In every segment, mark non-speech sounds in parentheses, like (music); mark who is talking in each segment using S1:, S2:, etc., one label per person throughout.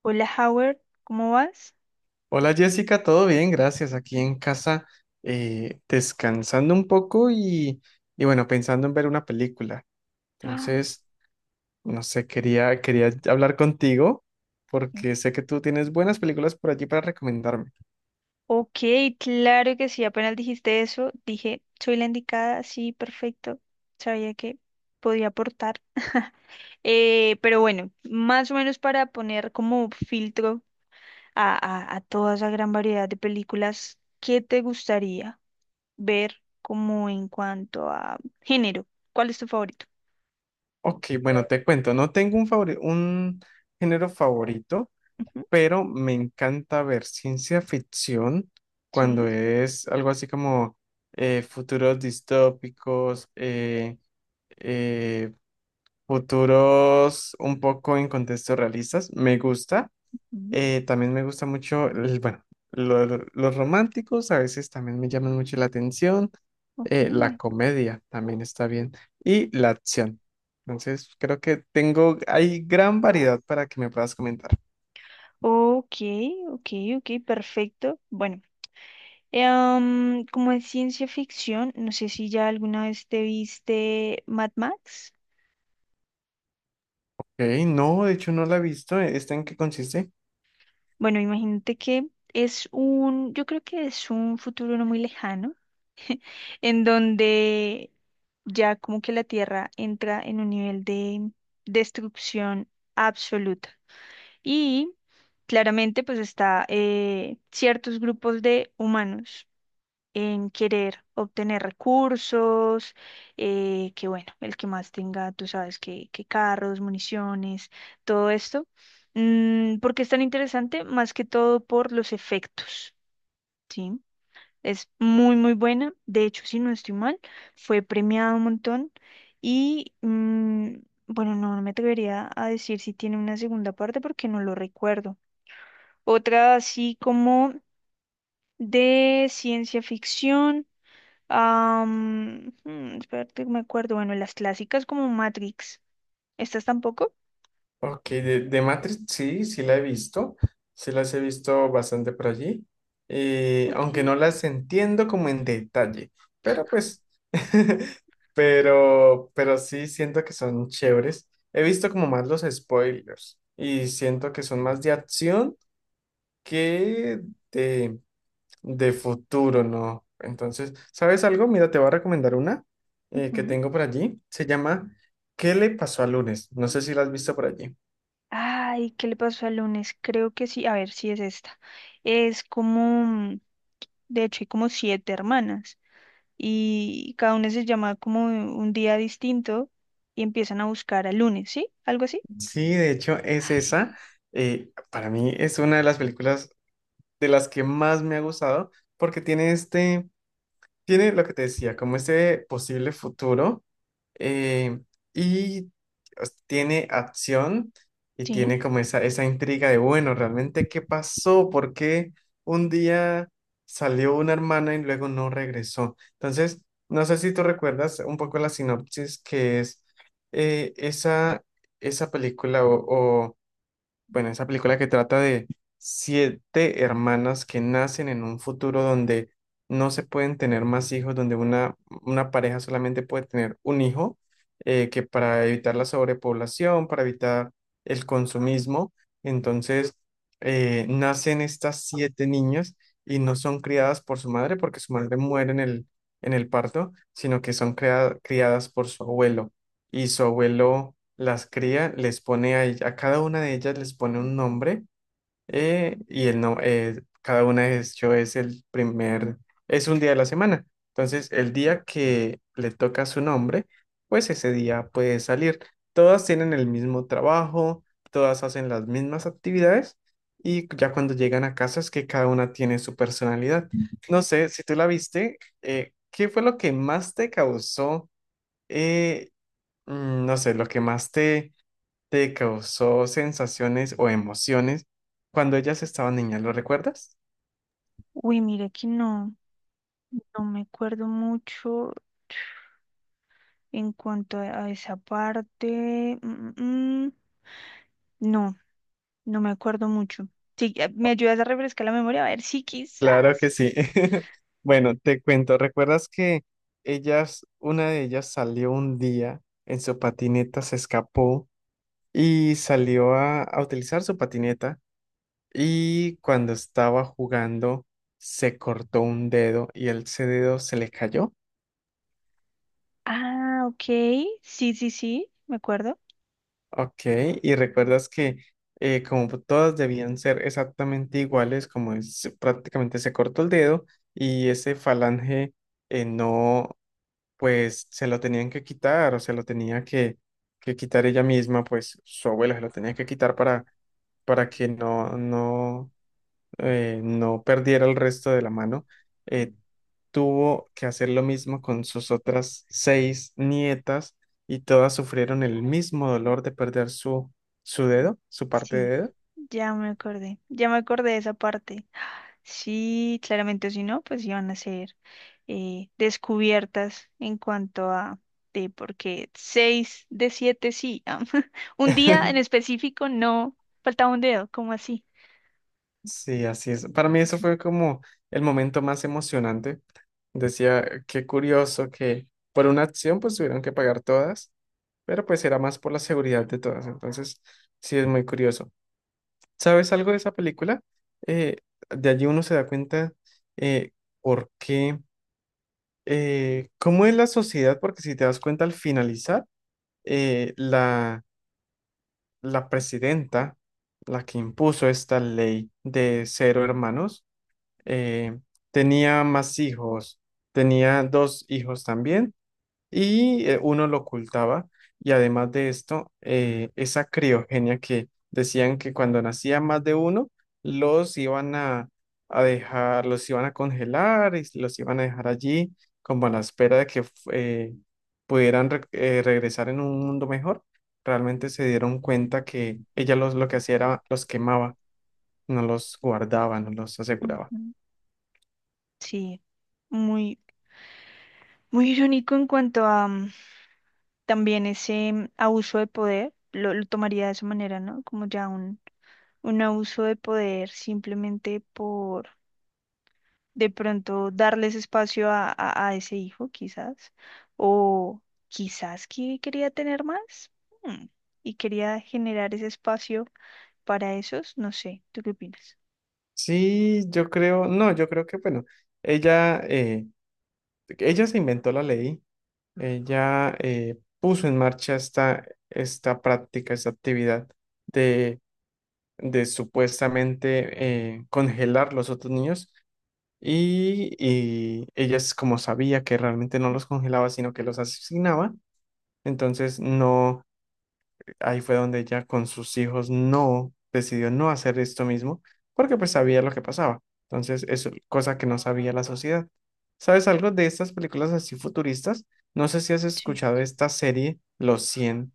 S1: Hola Howard, ¿cómo vas?
S2: Hola Jessica, todo bien, gracias. Aquí en casa descansando un poco y bueno, pensando en ver una película.
S1: Ah,
S2: Entonces, no sé, quería hablar contigo
S1: sí.
S2: porque sé que tú tienes buenas películas por allí para recomendarme.
S1: Ok, claro que sí, apenas dijiste eso, dije, soy la indicada, sí, perfecto, sabía que podía aportar. Pero bueno, más o menos para poner como filtro a, a toda esa gran variedad de películas, ¿qué te gustaría ver como en cuanto a género? ¿Cuál es tu favorito?
S2: Ok, bueno, te cuento, no tengo un género favorito,
S1: Ujú,
S2: pero me encanta ver ciencia ficción cuando
S1: sí,
S2: es algo así como futuros distópicos. Eh, Futuros un poco en contextos realistas, me gusta.
S1: ujú,
S2: También me gusta mucho, bueno, los románticos a veces también me llaman mucho la atención.
S1: ok,
S2: La comedia también está bien. Y la acción. Entonces, creo que tengo, hay gran variedad para que me puedas comentar.
S1: ok, ok, ok, perfecto. Bueno. Como es ciencia ficción, no sé si ya alguna vez te viste Mad Max.
S2: Ok, no, de hecho no la he visto. ¿Esta en qué consiste?
S1: Bueno, imagínate que es un, yo creo que es un futuro no muy lejano, en donde ya como que la Tierra entra en un nivel de destrucción absoluta. Y claramente pues está ciertos grupos de humanos en querer obtener recursos, que bueno, el que más tenga, tú sabes, que carros, municiones, todo esto. ¿Por qué es tan interesante? Más que todo por los efectos, ¿sí? Es muy, muy buena. De hecho, si no estoy mal, fue premiada un montón y... mm, Bueno, no, no me atrevería a decir si tiene una segunda parte porque no lo recuerdo. Otra así como de ciencia ficción. Espérate que me acuerdo. Bueno, las clásicas como Matrix. ¿Estas tampoco?
S2: Ok, de Matrix sí, sí la he visto, sí las he visto bastante por allí,
S1: Ok.
S2: aunque no las entiendo como en detalle, pero pues, (laughs) pero sí siento que son chéveres. He visto como más los spoilers y siento que son más de acción que de, de futuro, ¿no? Entonces, ¿sabes algo? Mira, te voy a recomendar una que
S1: Ujú.
S2: tengo por allí, se llama ¿Qué le pasó al lunes? No sé si la has visto por allí.
S1: Ay, ¿qué le pasó al lunes? Creo que sí. A ver, sí es esta. Es como, de hecho, hay como siete hermanas y cada una se llama como un día distinto y empiezan a buscar al lunes, ¿sí? ¿Algo así?
S2: Sí, de hecho es
S1: Ah, sí.
S2: esa. Para mí es una de las películas de las que más me ha gustado porque tiene tiene lo que te decía, como ese posible futuro, eh, y pues, tiene acción y
S1: Sí.
S2: tiene como esa intriga de, bueno, realmente, ¿qué pasó? ¿Por qué un día salió una hermana y luego no regresó? Entonces, no sé si tú recuerdas un poco la sinopsis que es eh, esa, esa película o bueno, esa película que trata de siete hermanas que nacen en un futuro donde no se pueden tener más hijos, donde una pareja solamente puede tener un hijo, que para evitar la sobrepoblación, para evitar el consumismo, entonces nacen estas siete niñas y no son criadas por su madre porque su madre muere en el parto, sino que son criadas por su abuelo. Y su abuelo las cría, les pone a cada una de ellas les pone un nombre, y el no, cada una de hecho es un día de la semana. Entonces, el día que le toca su nombre, pues ese día puede salir. Todas tienen el mismo trabajo, todas hacen las mismas actividades y ya cuando llegan a casa es que cada una tiene su personalidad. No sé, si tú la viste, ¿qué fue lo que más te causó? eh, no sé, lo que más te causó sensaciones o emociones cuando ellas estaban niñas, ¿lo recuerdas?
S1: Uy, mira que no, no me acuerdo mucho en cuanto a esa parte. Mm, mm, mm. No. No me acuerdo mucho. Sí, ¿me ayudas a refrescar la memoria? A ver, sí,
S2: Claro que
S1: quizás.
S2: sí. (laughs) Bueno, te cuento, ¿recuerdas que ellas, una de ellas salió un día en su patineta, se escapó y salió a utilizar su patineta y cuando estaba jugando se cortó un dedo y el ese dedo se le cayó?
S1: Ah, ok. Sí, sí, sí, me acuerdo.
S2: Ok, y recuerdas que como todas debían ser exactamente iguales, prácticamente se cortó el dedo y ese falange, no, pues se lo tenían que quitar o se lo tenía que quitar ella misma, pues su abuela se lo tenía que quitar para que no, no perdiera el resto de la mano. eh, Tuvo que hacer lo mismo con sus otras seis nietas y todas sufrieron el mismo dolor de perder su dedo, su parte de
S1: Sí,
S2: dedo.
S1: ya me acordé. Ya me acordé de esa parte. Sí, claramente, o si no, pues iban a ser descubiertas en cuanto a de porque seis de siete sí. (laughs) Un día en
S2: (laughs)
S1: específico no faltaba un dedo, ¿cómo así?
S2: Sí, así es. Para mí eso fue como el momento más emocionante. Decía, qué curioso que por una acción pues tuvieron que pagar todas, pero pues era más por la seguridad de todas. Entonces, sí es muy curioso. ¿Sabes algo de esa película? Eh, de allí uno se da cuenta, eh, por qué, cómo es la sociedad, porque si te das cuenta al finalizar, eh, la, la presidenta, la que impuso esta ley de cero hermanos, eh, tenía más hijos, tenía dos hijos también y uno lo ocultaba. Y además de esto, esa criogenia que decían que cuando nacía más de uno, los iban a dejar, los iban a congelar y los iban a dejar allí como a la espera de que eh, pudieran regresar en un mundo mejor. Realmente se dieron cuenta que ella lo que hacía era los quemaba, no los guardaba, no los aseguraba.
S1: Ujú. Sí, muy, muy irónico en cuanto a, también ese abuso de poder, lo tomaría de esa manera, ¿no? Como ya un abuso de poder simplemente por de pronto darles espacio a, a ese hijo, quizás, o quizás que quería tener más mm, y quería generar ese espacio para esos, no sé, ¿tú qué opinas?
S2: Sí, yo creo, no, yo creo que, bueno, ella, eh, ella se inventó la ley, ella puso en marcha esta práctica, esta actividad de, de supuestamente, congelar los otros niños. Y ella es como sabía que realmente no los congelaba, sino que los asesinaba. Entonces, no, ahí fue donde ella con sus hijos no decidió no hacer esto mismo, porque pues sabía lo que pasaba. Entonces, es cosa que no sabía la sociedad. ¿Sabes algo de estas películas así futuristas? No sé si has
S1: Sí.
S2: escuchado esta serie, Los 100.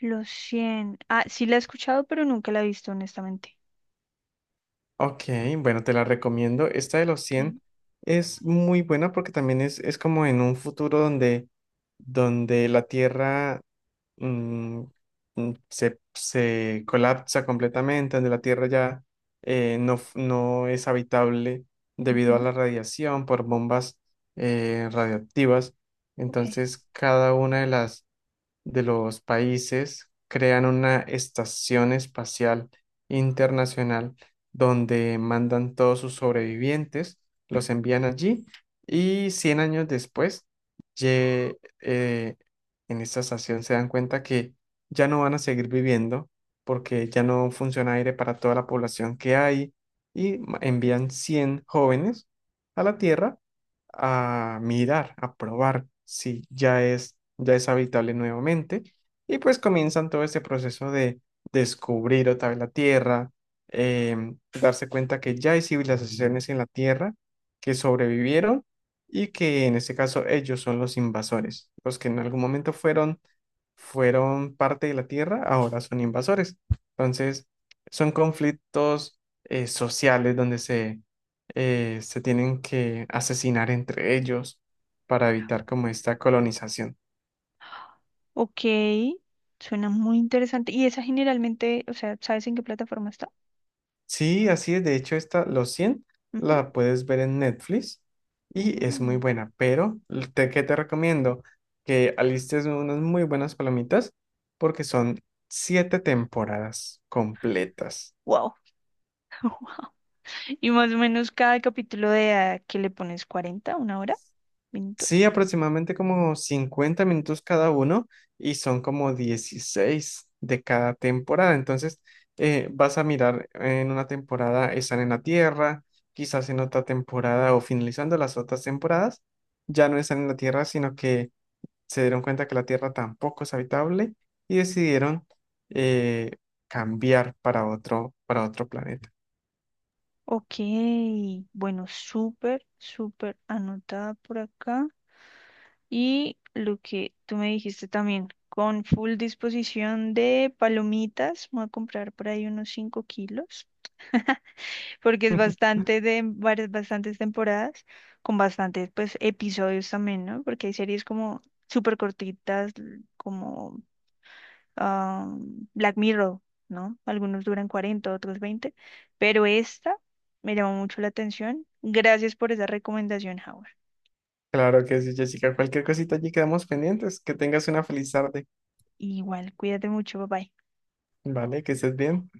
S1: Los 100. Ah, sí la he escuchado, pero nunca la he visto, honestamente.
S2: Ok, bueno, te la recomiendo. Esta de Los
S1: Ok.
S2: cien es muy buena porque también es como en un futuro donde la Tierra mm, se colapsa completamente, donde la Tierra ya no es habitable debido a
S1: Ujú,
S2: la radiación por bombas, radioactivas.
S1: ok.
S2: Entonces, cada una de los países crean una estación espacial internacional donde mandan todos sus sobrevivientes, los envían allí y 100 años después, ye- eh, en esta estación se dan cuenta que ya no van a seguir viviendo porque ya no funciona aire para toda la población que hay y envían 100 jóvenes a la Tierra a mirar, a probar si ya es habitable nuevamente. Y pues comienzan todo este proceso de descubrir otra vez la Tierra, darse cuenta que ya hay civilizaciones en la Tierra que sobrevivieron y que en este caso ellos son los invasores, los que en algún momento fueron parte de la Tierra, ahora son invasores. Entonces, son conflictos sociales donde se tienen que asesinar entre ellos para evitar como esta colonización.
S1: Ok, suena muy interesante. ¿Y esa generalmente, o sea, sabes en qué plataforma está?
S2: Sí, así es. De hecho, esta, Los 100
S1: Ujú.
S2: la puedes ver en Netflix y es muy
S1: Mm,
S2: buena, pero ¿qué te recomiendo? Que alistes unas muy buenas palomitas porque son siete temporadas completas.
S1: wow. (laughs) Wow. Y más o menos cada capítulo de que le pones cuarenta, una hora,
S2: Sí,
S1: minutos.
S2: aproximadamente como 50 minutos cada uno y son como 16 de cada temporada. Entonces, vas a mirar en una temporada están en la Tierra, quizás en otra temporada o finalizando las otras temporadas, ya no están en la Tierra, sino que se dieron cuenta que la Tierra tampoco es habitable y decidieron eh, cambiar para otro planeta.
S1: Ok, bueno, súper, súper anotada por acá. Y lo que tú me dijiste también, con full disposición de palomitas, voy a comprar por ahí unos 5 kilos. (laughs) Porque es bastante
S2: (laughs)
S1: de varias, bastantes temporadas, con bastantes pues episodios también, ¿no? Porque hay series como súper cortitas, como ah, Black Mirror, ¿no? Algunos duran 40 otros 20 pero esta me llamó mucho la atención. Gracias por esa recomendación, Howard.
S2: Claro que sí, Jessica. Cualquier cosita allí quedamos pendientes. Que tengas una feliz tarde.
S1: Igual, cuídate mucho, bye bye.
S2: Vale, que estés bien.